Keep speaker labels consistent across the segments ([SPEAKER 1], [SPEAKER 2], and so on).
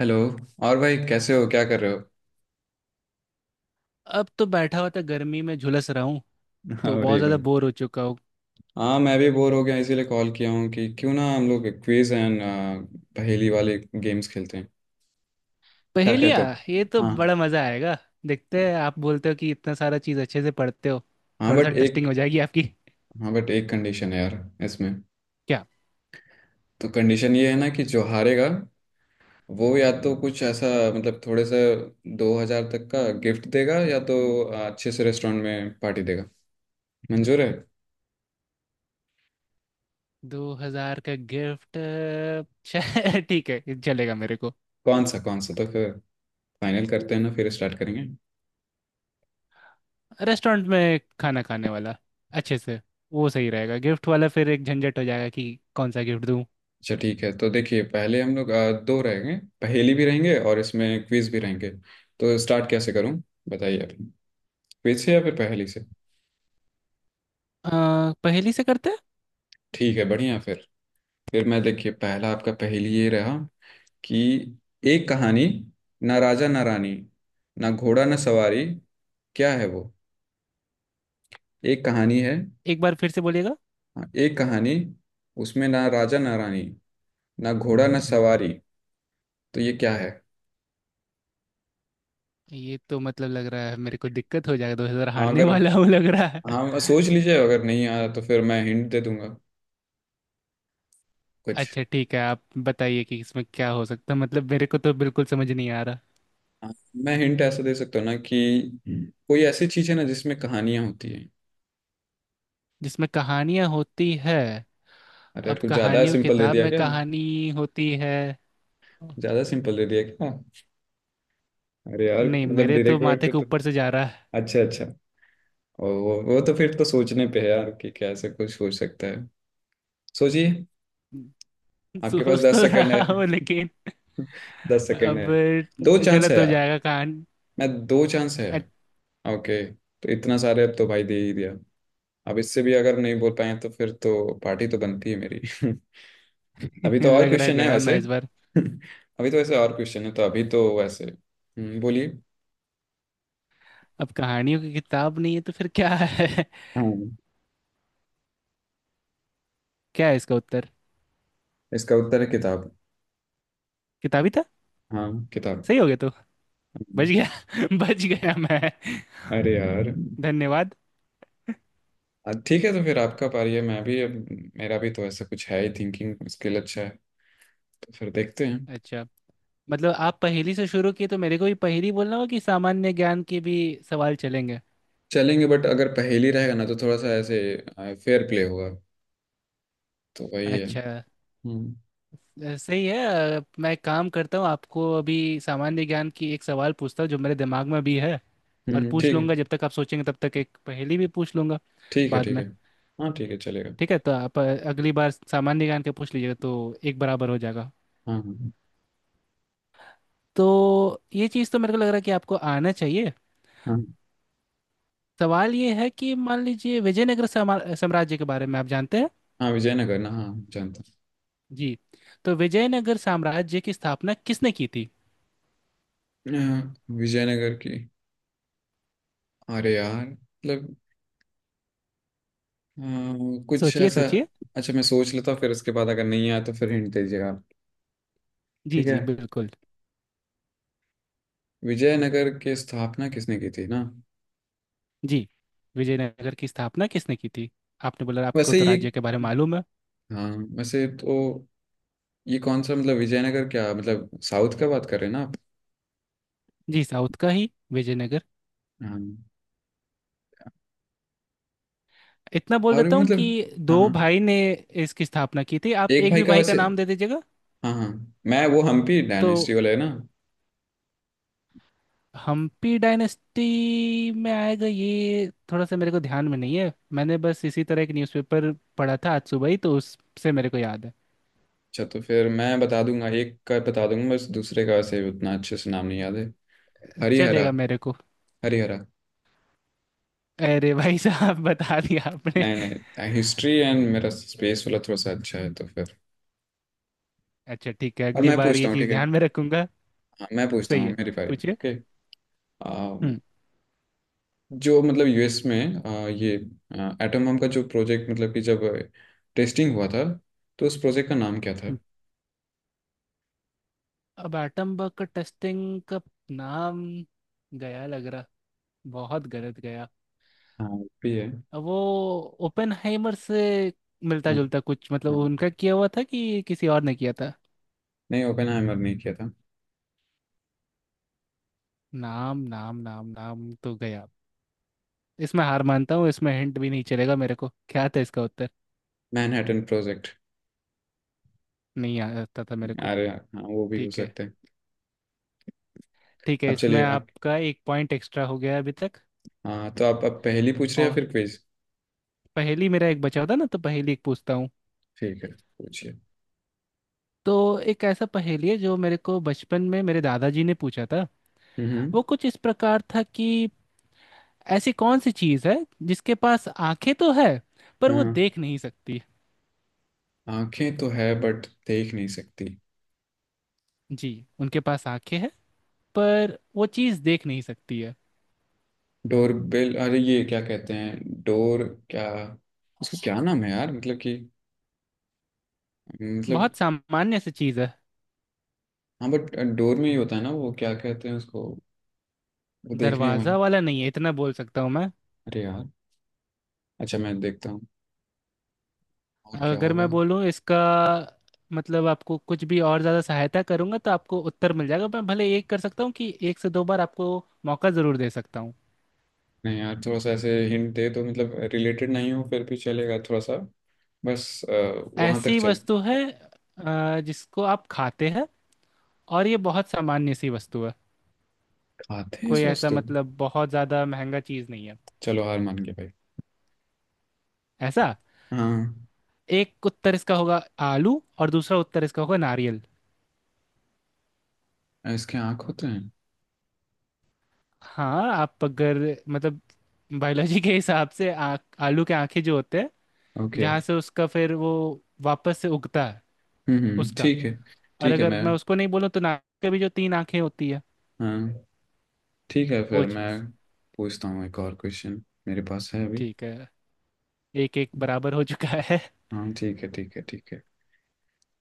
[SPEAKER 1] Hello. और भाई कैसे हो, क्या कर रहे हो?
[SPEAKER 2] अब तो बैठा हुआ था, गर्मी में झुलस रहा हूँ। तो बहुत
[SPEAKER 1] अरे
[SPEAKER 2] ज्यादा
[SPEAKER 1] भाई।
[SPEAKER 2] बोर हो चुका हूँ।
[SPEAKER 1] हाँ, मैं भी बोर हो गया इसीलिए कॉल किया हूँ कि क्यों ना हम लोग क्विज एंड पहेली वाले गेम्स खेलते हैं। क्या कहते
[SPEAKER 2] पहेलियाँ। ये तो
[SPEAKER 1] हो? हाँ।
[SPEAKER 2] बड़ा मजा आएगा। देखते हैं आप बोलते हो कि इतना सारा चीज अच्छे से पढ़ते हो।
[SPEAKER 1] हाँ
[SPEAKER 2] थोड़ा सा
[SPEAKER 1] बट एक
[SPEAKER 2] टेस्टिंग हो जाएगी आपकी।
[SPEAKER 1] हाँ बट एक कंडीशन है यार, इसमें।
[SPEAKER 2] क्या?
[SPEAKER 1] तो कंडीशन ये है ना कि जो हारेगा वो या तो कुछ ऐसा, मतलब थोड़े से, 2,000 तक का गिफ्ट देगा, या तो अच्छे से रेस्टोरेंट में पार्टी देगा। मंजूर है?
[SPEAKER 2] 2,000 का गिफ्ट ठीक है, ये चलेगा मेरे को।
[SPEAKER 1] कौन सा तो फिर फाइनल करते हैं ना, फिर स्टार्ट करेंगे।
[SPEAKER 2] रेस्टोरेंट में खाना खाने वाला, अच्छे से। वो सही रहेगा गिफ्ट वाला, फिर एक झंझट हो जाएगा कि कौन सा गिफ्ट दूँ।
[SPEAKER 1] अच्छा ठीक है, तो देखिए, पहले हम लोग दो रहेंगे। पहेली भी रहेंगे और इसमें क्विज भी रहेंगे। तो स्टार्ट कैसे करूं, बताइए आप, क्विज से या फिर पहेली से?
[SPEAKER 2] अ, पहेली से करते हैं।
[SPEAKER 1] ठीक है, बढ़िया। फिर मैं देखिए, पहला आपका पहेली ये रहा कि एक कहानी, ना राजा ना रानी, ना घोड़ा ना सवारी, क्या है वो? एक कहानी है।
[SPEAKER 2] एक बार फिर से बोलिएगा।
[SPEAKER 1] हाँ, एक कहानी, उसमें ना राजा ना रानी, ना घोड़ा ना सवारी, तो ये क्या है?
[SPEAKER 2] ये तो मतलब लग रहा है मेरे को, दिक्कत हो जाएगा, 2,000
[SPEAKER 1] हाँ
[SPEAKER 2] हारने
[SPEAKER 1] अगर
[SPEAKER 2] वाला हूँ लग रहा है।
[SPEAKER 1] हाँ, सोच लीजिए, अगर नहीं आया तो फिर मैं हिंट दे दूंगा कुछ।
[SPEAKER 2] अच्छा ठीक है, आप बताइए कि इसमें क्या हो सकता है। मतलब मेरे को तो बिल्कुल समझ नहीं आ रहा।
[SPEAKER 1] हाँ, मैं हिंट ऐसा दे सकता हूँ ना कि कोई ऐसी चीज है ना जिसमें कहानियां होती है।
[SPEAKER 2] जिसमें कहानियां होती है।
[SPEAKER 1] अरे यार,
[SPEAKER 2] अब
[SPEAKER 1] कुछ ज्यादा
[SPEAKER 2] कहानियों
[SPEAKER 1] सिंपल दे
[SPEAKER 2] किताब
[SPEAKER 1] दिया
[SPEAKER 2] में
[SPEAKER 1] क्या?
[SPEAKER 2] कहानी होती है।
[SPEAKER 1] ज्यादा सिंपल दे दिया क्या? अरे यार
[SPEAKER 2] नहीं,
[SPEAKER 1] मतलब
[SPEAKER 2] मेरे तो
[SPEAKER 1] डायरेक्ट
[SPEAKER 2] माथे
[SPEAKER 1] वर्ड
[SPEAKER 2] के
[SPEAKER 1] तो।
[SPEAKER 2] ऊपर से जा रहा है।
[SPEAKER 1] अच्छा, अच्छा। और वो तो फिर तो सोचने पे है यार कि कैसे कुछ सोच सकता है। सोचिए, आपके पास
[SPEAKER 2] सोच
[SPEAKER 1] दस
[SPEAKER 2] तो
[SPEAKER 1] सेकंड है।
[SPEAKER 2] रहा हूँ लेकिन।
[SPEAKER 1] 10 सेकंड
[SPEAKER 2] अब
[SPEAKER 1] है। दो चांस है
[SPEAKER 2] गलत हो
[SPEAKER 1] यार।
[SPEAKER 2] जाएगा कहानी।
[SPEAKER 1] मैं दो चांस है। ओके, तो इतना सारे अब तो भाई दे ही दिया। अब इससे भी अगर नहीं बोल पाए तो फिर तो पार्टी तो बनती है मेरी। अभी
[SPEAKER 2] अच्छा,
[SPEAKER 1] तो और
[SPEAKER 2] लग रहा है
[SPEAKER 1] क्वेश्चन है
[SPEAKER 2] गया
[SPEAKER 1] वैसे।
[SPEAKER 2] मैं इस बार।
[SPEAKER 1] अभी तो वैसे और क्वेश्चन है, तो अभी तो वैसे बोलिए।
[SPEAKER 2] अब कहानियों की किताब नहीं है तो फिर क्या है।
[SPEAKER 1] हाँ।
[SPEAKER 2] क्या है इसका उत्तर?
[SPEAKER 1] इसका उत्तर है किताब।
[SPEAKER 2] किताबी था?
[SPEAKER 1] हाँ, किताब।
[SPEAKER 2] सही हो गया तो? बच
[SPEAKER 1] हम्म,
[SPEAKER 2] गया। बच गया मैं।
[SPEAKER 1] अरे यार।
[SPEAKER 2] धन्यवाद।
[SPEAKER 1] ठीक है, तो फिर आपका पारी है, मैं भी अब मेरा भी तो ऐसा कुछ है ही, थिंकिंग स्किल अच्छा है, तो फिर देखते हैं।
[SPEAKER 2] अच्छा। मतलब आप पहेली से शुरू किए तो मेरे को भी पहेली बोलना होगा, कि सामान्य ज्ञान के भी सवाल चलेंगे?
[SPEAKER 1] चलेंगे बट अगर पहेली रहेगा ना तो थोड़ा सा ऐसे फेयर प्ले होगा, तो वही है।
[SPEAKER 2] अच्छा।
[SPEAKER 1] हम्म।
[SPEAKER 2] सही है। मैं एक काम करता हूँ, आपको अभी सामान्य ज्ञान की एक सवाल पूछता हूँ जो मेरे दिमाग में भी है, और पूछ
[SPEAKER 1] ठीक है,
[SPEAKER 2] लूंगा। जब तक आप सोचेंगे, तब तक एक पहेली भी पूछ लूंगा
[SPEAKER 1] ठीक है,
[SPEAKER 2] बाद
[SPEAKER 1] ठीक है।
[SPEAKER 2] में।
[SPEAKER 1] हाँ, ठीक है, चलेगा।
[SPEAKER 2] ठीक है, तो आप अगली बार सामान्य ज्ञान का पूछ लीजिएगा, तो एक बराबर हो जाएगा।
[SPEAKER 1] हाँ, हाँ,
[SPEAKER 2] तो ये चीज़ तो मेरे को लग रहा है कि आपको आना चाहिए।
[SPEAKER 1] हाँ,
[SPEAKER 2] सवाल ये है कि मान लीजिए विजयनगर साम्राज्य के बारे में आप जानते हैं।
[SPEAKER 1] हाँ, विजयनगर ना, हाँ, जानता
[SPEAKER 2] जी। तो विजयनगर साम्राज्य की स्थापना किसने की थी?
[SPEAKER 1] हूँ। अ, विजयनगर की, अरे यार मतलब अ, कुछ
[SPEAKER 2] सोचिए,
[SPEAKER 1] ऐसा।
[SPEAKER 2] सोचिए।
[SPEAKER 1] अच्छा, मैं सोच लेता हूँ, फिर उसके बाद अगर नहीं आया तो फिर हिंट दीजिएगा आप।
[SPEAKER 2] जी
[SPEAKER 1] ठीक है।
[SPEAKER 2] जी, बिल्कुल।
[SPEAKER 1] विजयनगर की स्थापना किसने की थी ना?
[SPEAKER 2] जी। विजयनगर की स्थापना किसने की थी? आपने बोला आपको
[SPEAKER 1] वैसे
[SPEAKER 2] तो
[SPEAKER 1] ये,
[SPEAKER 2] राज्य के बारे में मालूम है।
[SPEAKER 1] हाँ, वैसे तो ये कौन सा मतलब विजयनगर, क्या मतलब साउथ का बात कर रहे हैं ना आप?
[SPEAKER 2] जी, साउथ का ही विजयनगर।
[SPEAKER 1] हाँ।
[SPEAKER 2] इतना बोल
[SPEAKER 1] और
[SPEAKER 2] देता
[SPEAKER 1] भी
[SPEAKER 2] हूँ
[SPEAKER 1] मतलब।
[SPEAKER 2] कि
[SPEAKER 1] हाँ,
[SPEAKER 2] दो
[SPEAKER 1] हाँ।
[SPEAKER 2] भाई ने इसकी स्थापना की थी। आप
[SPEAKER 1] एक
[SPEAKER 2] एक
[SPEAKER 1] भाई
[SPEAKER 2] भी
[SPEAKER 1] का
[SPEAKER 2] भाई का
[SPEAKER 1] वैसे,
[SPEAKER 2] नाम दे दीजिएगा।
[SPEAKER 1] हाँ, हाँ। मैं वो हम्पी
[SPEAKER 2] तो
[SPEAKER 1] डायनेस्टी वाला है ना?
[SPEAKER 2] हम्पी डायनेस्टी में आएगा, ये थोड़ा सा मेरे को ध्यान में नहीं है। मैंने बस इसी तरह एक न्यूज़पेपर पढ़ा था आज सुबह ही, तो उससे मेरे को याद है।
[SPEAKER 1] अच्छा, तो फिर मैं बता दूंगा एक का, बता दूंगा बस, दूसरे का वैसे उतना अच्छे से नाम नहीं याद है। हरिहरा।
[SPEAKER 2] चलेगा मेरे को।
[SPEAKER 1] हरिहरा।
[SPEAKER 2] अरे भाई साहब, बता दिया आपने।
[SPEAKER 1] नहीं, नहीं, हिस्ट्री एंड मेरा स्पेस वाला थोड़ा सा अच्छा है, तो फिर।
[SPEAKER 2] अच्छा ठीक है,
[SPEAKER 1] और
[SPEAKER 2] अगली
[SPEAKER 1] मैं
[SPEAKER 2] बार
[SPEAKER 1] पूछता
[SPEAKER 2] ये
[SPEAKER 1] हूँ,
[SPEAKER 2] चीज
[SPEAKER 1] ठीक है।
[SPEAKER 2] ध्यान में रखूंगा।
[SPEAKER 1] हाँ, मैं पूछता
[SPEAKER 2] सही
[SPEAKER 1] हूँ
[SPEAKER 2] है।
[SPEAKER 1] मेरी बारी,
[SPEAKER 2] पूछिए।
[SPEAKER 1] ओके।
[SPEAKER 2] हम्म
[SPEAKER 1] जो मतलब यूएस में ये एटम बम का जो प्रोजेक्ट, मतलब कि जब टेस्टिंग हुआ था, तो उस प्रोजेक्ट का नाम क्या
[SPEAKER 2] हम्म।
[SPEAKER 1] था?
[SPEAKER 2] अब एटम बग का टेस्टिंग का नाम गया लग रहा। बहुत गलत गया।
[SPEAKER 1] हाँ भी है।
[SPEAKER 2] अब वो ओपेनहाइमर से मिलता
[SPEAKER 1] हाँ,
[SPEAKER 2] जुलता कुछ, मतलब
[SPEAKER 1] हाँ।
[SPEAKER 2] उनका किया हुआ था कि किसी और ने किया था।
[SPEAKER 1] नहीं, ओपेनहाइमर नहीं किया था।
[SPEAKER 2] नाम नाम नाम नाम तो गया। इसमें हार मानता हूँ। इसमें हिंट भी नहीं चलेगा मेरे को, क्या था इसका उत्तर?
[SPEAKER 1] Manhattan project.
[SPEAKER 2] नहीं आता था मेरे को।
[SPEAKER 1] अरे हाँ, वो भी हो
[SPEAKER 2] ठीक है,
[SPEAKER 1] सकते हैं।
[SPEAKER 2] ठीक है।
[SPEAKER 1] अब
[SPEAKER 2] इसमें
[SPEAKER 1] चलिए आप।
[SPEAKER 2] आपका एक पॉइंट एक्स्ट्रा हो गया अभी तक।
[SPEAKER 1] हाँ, तो आप अब पहेली पूछ रहे हैं या
[SPEAKER 2] और
[SPEAKER 1] फिर क्विज?
[SPEAKER 2] पहेली मेरा एक बचा था ना, तो पहेली एक पूछता हूँ।
[SPEAKER 1] ठीक है, पूछिए।
[SPEAKER 2] तो एक ऐसा पहेली है जो मेरे को बचपन में मेरे दादाजी ने पूछा था।
[SPEAKER 1] हम्म।
[SPEAKER 2] वो कुछ इस प्रकार था कि ऐसी कौन सी चीज़ है जिसके पास आंखें तो है, पर वो
[SPEAKER 1] हाँ,
[SPEAKER 2] देख नहीं सकती?
[SPEAKER 1] आंखें तो है बट देख नहीं सकती।
[SPEAKER 2] जी। उनके पास आंखें हैं, पर वो चीज़ देख नहीं सकती है।
[SPEAKER 1] डोर बेल, अरे ये क्या कहते हैं डोर? क्या? उसका क्या नाम है यार, मतलब कि मतलब।
[SPEAKER 2] बहुत सामान्य सी चीज़ है।
[SPEAKER 1] हाँ बट डोर में ही होता है ना, वो क्या कहते हैं उसको, वो देखने वाली।
[SPEAKER 2] दरवाज़ा वाला नहीं है, इतना बोल सकता हूँ मैं।
[SPEAKER 1] अरे यार, अच्छा मैं देखता हूँ, और क्या
[SPEAKER 2] अगर
[SPEAKER 1] होगा।
[SPEAKER 2] मैं बोलूँ इसका मतलब, आपको कुछ भी और ज़्यादा सहायता करूंगा तो आपको उत्तर मिल जाएगा। मैं भले एक कर सकता हूँ कि एक से दो बार आपको मौका ज़रूर दे सकता हूँ।
[SPEAKER 1] नहीं यार, थोड़ा सा ऐसे हिंट दे तो, मतलब रिलेटेड नहीं हो फिर भी चलेगा, थोड़ा सा बस वहां तक
[SPEAKER 2] ऐसी
[SPEAKER 1] चल।
[SPEAKER 2] वस्तु है जिसको आप खाते हैं, और ये बहुत सामान्य सी वस्तु है।
[SPEAKER 1] खाते हैं,
[SPEAKER 2] कोई
[SPEAKER 1] सोच
[SPEAKER 2] ऐसा
[SPEAKER 1] तुम।
[SPEAKER 2] मतलब बहुत ज़्यादा महंगा चीज़ नहीं है
[SPEAKER 1] चलो, हार मान गया भाई।
[SPEAKER 2] ऐसा।
[SPEAKER 1] हाँ,
[SPEAKER 2] एक उत्तर इसका होगा आलू, और दूसरा उत्तर इसका होगा नारियल।
[SPEAKER 1] इसके आँख होते हैं।
[SPEAKER 2] हाँ, आप अगर मतलब बायोलॉजी के हिसाब से, आलू के आंखें जो होते हैं,
[SPEAKER 1] ओके।
[SPEAKER 2] जहाँ से उसका फिर वो वापस से उगता है
[SPEAKER 1] हम्म,
[SPEAKER 2] उसका।
[SPEAKER 1] ठीक है।
[SPEAKER 2] और
[SPEAKER 1] ठीक है,
[SPEAKER 2] अगर
[SPEAKER 1] मैं,
[SPEAKER 2] मैं उसको नहीं बोलूँ, तो नाक के भी जो तीन आंखें होती है
[SPEAKER 1] हाँ, ठीक है,
[SPEAKER 2] वो
[SPEAKER 1] फिर
[SPEAKER 2] चीज़।
[SPEAKER 1] मैं पूछता हूँ एक और क्वेश्चन, मेरे पास है अभी।
[SPEAKER 2] ठीक है, एक एक बराबर हो चुका है।
[SPEAKER 1] हाँ, ठीक है, ठीक है, ठीक है।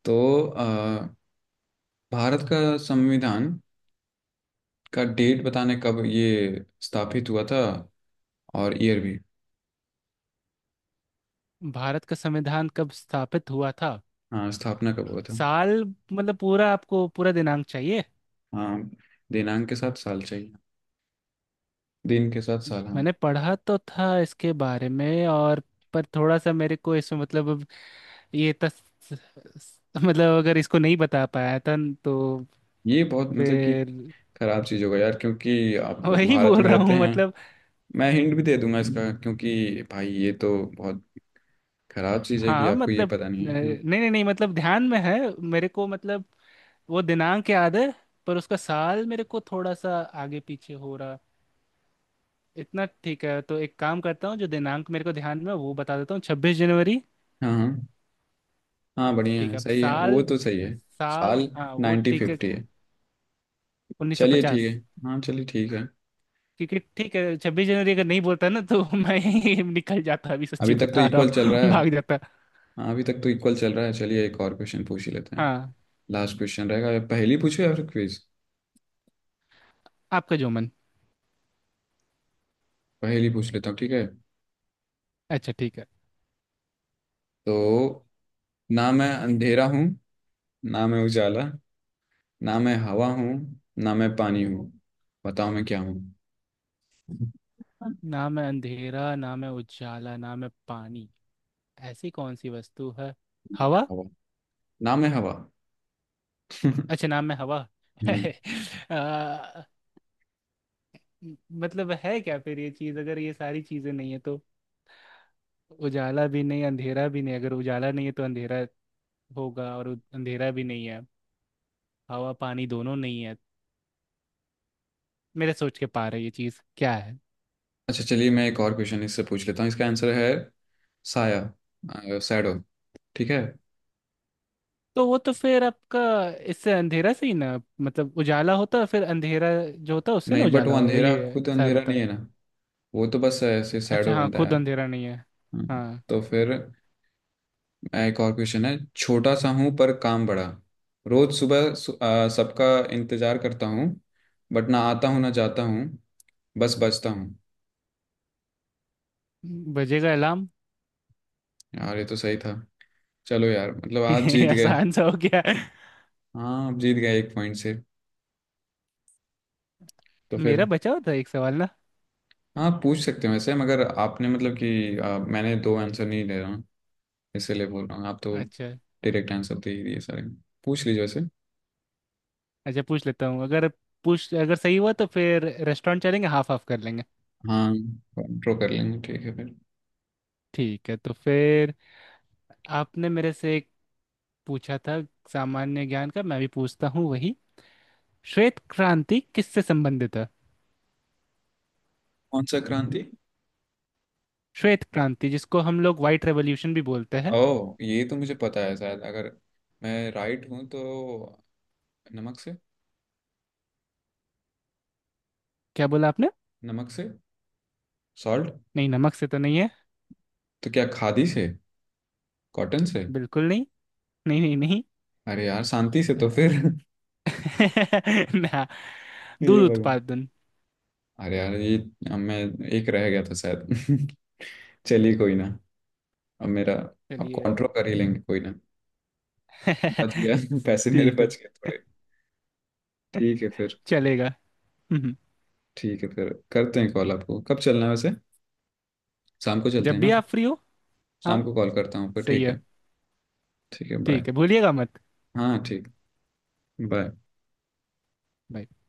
[SPEAKER 1] तो अ, भारत का संविधान का डेट बताने, कब ये स्थापित हुआ था, और ईयर भी।
[SPEAKER 2] भारत का संविधान कब स्थापित हुआ था?
[SPEAKER 1] हाँ, स्थापना कब हुआ था?
[SPEAKER 2] साल? मतलब पूरा आपको पूरा दिनांक चाहिए?
[SPEAKER 1] हाँ, दिनांक के साथ साल चाहिए, दिन के साथ साल, हाँ।
[SPEAKER 2] मैंने पढ़ा तो था इसके बारे में, और पर थोड़ा सा मेरे को इसमें मतलब अब, ये तस मतलब, अगर इसको नहीं बता पाया था न, तो
[SPEAKER 1] ये बहुत मतलब कि
[SPEAKER 2] फिर,
[SPEAKER 1] खराब चीज़ होगा यार क्योंकि आप
[SPEAKER 2] वही
[SPEAKER 1] भारत
[SPEAKER 2] बोल
[SPEAKER 1] में
[SPEAKER 2] रहा
[SPEAKER 1] रहते
[SPEAKER 2] हूँ
[SPEAKER 1] हैं,
[SPEAKER 2] मतलब।
[SPEAKER 1] मैं हिंट भी दे दूंगा इसका क्योंकि भाई ये तो बहुत खराब चीज़ है कि
[SPEAKER 2] हाँ,
[SPEAKER 1] आपको ये
[SPEAKER 2] मतलब
[SPEAKER 1] पता नहीं है, हाँ।
[SPEAKER 2] नहीं नहीं नहीं, मतलब ध्यान में है मेरे को, मतलब वो दिनांक याद है, पर उसका साल मेरे को थोड़ा सा आगे पीछे हो रहा। इतना ठीक है, तो एक काम करता हूँ, जो दिनांक मेरे को ध्यान में है, वो बता देता हूँ, 26 जनवरी।
[SPEAKER 1] हाँ, हाँ, हाँ, बढ़िया
[SPEAKER 2] ठीक
[SPEAKER 1] है,
[SPEAKER 2] है, अब
[SPEAKER 1] सही है, वो
[SPEAKER 2] साल।
[SPEAKER 1] तो सही है।
[SPEAKER 2] साल,
[SPEAKER 1] साल
[SPEAKER 2] हाँ वो
[SPEAKER 1] नाइन्टी
[SPEAKER 2] ठीक है।
[SPEAKER 1] फिफ्टी है।
[SPEAKER 2] उन्नीस सौ
[SPEAKER 1] चलिए, ठीक
[SPEAKER 2] पचास
[SPEAKER 1] है। हाँ, चलिए, ठीक है।
[SPEAKER 2] क्योंकि ठीक है, 26 जनवरी अगर नहीं बोलता ना तो मैं यहीं निकल जाता अभी,
[SPEAKER 1] अभी
[SPEAKER 2] सच्ची
[SPEAKER 1] तक तो
[SPEAKER 2] बता रहा
[SPEAKER 1] इक्वल चल
[SPEAKER 2] हूँ।
[SPEAKER 1] रहा है।
[SPEAKER 2] भाग जाता।
[SPEAKER 1] हाँ, अभी तक तो इक्वल चल रहा है, चलिए एक और क्वेश्चन पूछ ही लेते हैं।
[SPEAKER 2] हाँ।
[SPEAKER 1] लास्ट क्वेश्चन रहेगा, या पहेली पूछो या फिर क्विज।
[SPEAKER 2] आपका जो मन।
[SPEAKER 1] पहेली पूछ लेता हूँ, ठीक है।
[SPEAKER 2] अच्छा ठीक है।
[SPEAKER 1] तो ना मैं अंधेरा हूँ, ना मैं उजाला, ना मैं हवा हूँ, ना मैं पानी हूँ, बताओ मैं क्या हूँ?
[SPEAKER 2] ना मैं अंधेरा, ना मैं उजाला, ना मैं पानी। ऐसी कौन सी वस्तु है? हवा?
[SPEAKER 1] हवा? ना मैं हवा।
[SPEAKER 2] अच्छा, नाम है हवा।
[SPEAKER 1] हम्म।
[SPEAKER 2] आ, मतलब है क्या फिर ये चीज, अगर ये सारी चीजें नहीं है तो? उजाला भी नहीं, अंधेरा भी नहीं। अगर उजाला नहीं है तो अंधेरा होगा, और अंधेरा भी नहीं है, हवा पानी दोनों नहीं है। मेरे सोच के पार है, ये चीज क्या है?
[SPEAKER 1] अच्छा, चलिए, मैं एक और क्वेश्चन इससे पूछ लेता हूँ, इसका आंसर है साया, सैडो। ठीक है।
[SPEAKER 2] तो वो तो फिर आपका इससे अंधेरा से ही ना, मतलब उजाला होता, फिर अंधेरा जो होता उससे ना
[SPEAKER 1] नहीं बट वो
[SPEAKER 2] उजाला,
[SPEAKER 1] अंधेरा
[SPEAKER 2] ये
[SPEAKER 1] खुद
[SPEAKER 2] साया
[SPEAKER 1] अंधेरा
[SPEAKER 2] बनता।
[SPEAKER 1] नहीं है ना, वो तो बस ऐसे
[SPEAKER 2] अच्छा
[SPEAKER 1] सैडो
[SPEAKER 2] हाँ,
[SPEAKER 1] बनता है
[SPEAKER 2] खुद
[SPEAKER 1] यार।
[SPEAKER 2] अंधेरा नहीं है।
[SPEAKER 1] हम्म,
[SPEAKER 2] हाँ।
[SPEAKER 1] तो फिर एक और क्वेश्चन है, छोटा सा हूँ पर काम बड़ा, रोज सुबह सबका इंतजार करता हूँ, बट ना आता हूँ ना जाता हूँ, बस बचता हूँ।
[SPEAKER 2] बजेगा अलार्म।
[SPEAKER 1] यार ये तो सही था, चलो यार मतलब आप
[SPEAKER 2] ये
[SPEAKER 1] जीत गए।
[SPEAKER 2] आसान सा हो गया।
[SPEAKER 1] हाँ, आप जीत गए एक पॉइंट से, तो
[SPEAKER 2] मेरा
[SPEAKER 1] फिर।
[SPEAKER 2] बचा होता है एक सवाल ना।
[SPEAKER 1] हाँ, पूछ सकते हैं वैसे, मगर आपने मतलब कि मैंने दो आंसर नहीं दे रहा हूँ, इसीलिए बोल रहा हूँ आप तो
[SPEAKER 2] अच्छा।
[SPEAKER 1] डायरेक्ट आंसर दे ही दिए सारे, पूछ लीजिए वैसे।
[SPEAKER 2] अच्छा, पूछ लेता हूँ। अगर पूछ, अगर सही हुआ तो फिर रेस्टोरेंट चलेंगे, हाफ हाफ कर लेंगे।
[SPEAKER 1] हाँ, ड्रॉ कर लेंगे, ठीक है फिर।
[SPEAKER 2] ठीक है, तो फिर आपने मेरे से एक पूछा था सामान्य ज्ञान का, मैं भी पूछता हूँ वही। श्वेत क्रांति किससे संबंधित है?
[SPEAKER 1] कौन सा क्रांति?
[SPEAKER 2] श्वेत क्रांति, जिसको हम लोग व्हाइट रेवोल्यूशन भी बोलते हैं।
[SPEAKER 1] ओह, ये तो मुझे पता है शायद, अगर मैं राइट हूँ तो, नमक से।
[SPEAKER 2] क्या बोला आपने?
[SPEAKER 1] नमक से, सॉल्ट।
[SPEAKER 2] नहीं, नमक से तो नहीं है।
[SPEAKER 1] तो क्या खादी से? कॉटन से?
[SPEAKER 2] बिल्कुल नहीं, नहीं नहीं नहीं।
[SPEAKER 1] अरे यार, शांति से तो फिर।
[SPEAKER 2] ना।
[SPEAKER 1] ये
[SPEAKER 2] दूध
[SPEAKER 1] भगवान।
[SPEAKER 2] उत्पादन।
[SPEAKER 1] अरे यार, ये मैं एक रह गया था शायद। चलिए कोई ना। अब मेरा अब
[SPEAKER 2] चलिए।
[SPEAKER 1] कॉन्ट्रो कर ही लेंगे कोई ना। बच गया। पैसे मेरे
[SPEAKER 2] ठीक है।
[SPEAKER 1] बच गए थोड़े। ठीक है फिर।
[SPEAKER 2] चलेगा। हम्म,
[SPEAKER 1] ठीक है फिर करते हैं कॉल, आपको कब चलना है वैसे? शाम को चलते
[SPEAKER 2] जब
[SPEAKER 1] हैं
[SPEAKER 2] भी
[SPEAKER 1] ना?
[SPEAKER 2] आप फ्री हो।
[SPEAKER 1] शाम
[SPEAKER 2] हाँ,
[SPEAKER 1] को कॉल करता हूँ फिर,
[SPEAKER 2] सही
[SPEAKER 1] ठीक
[SPEAKER 2] है।
[SPEAKER 1] है। ठीक है, बाय।
[SPEAKER 2] ठीक है, भूलिएगा मत।
[SPEAKER 1] हाँ, ठीक, बाय।
[SPEAKER 2] Bye.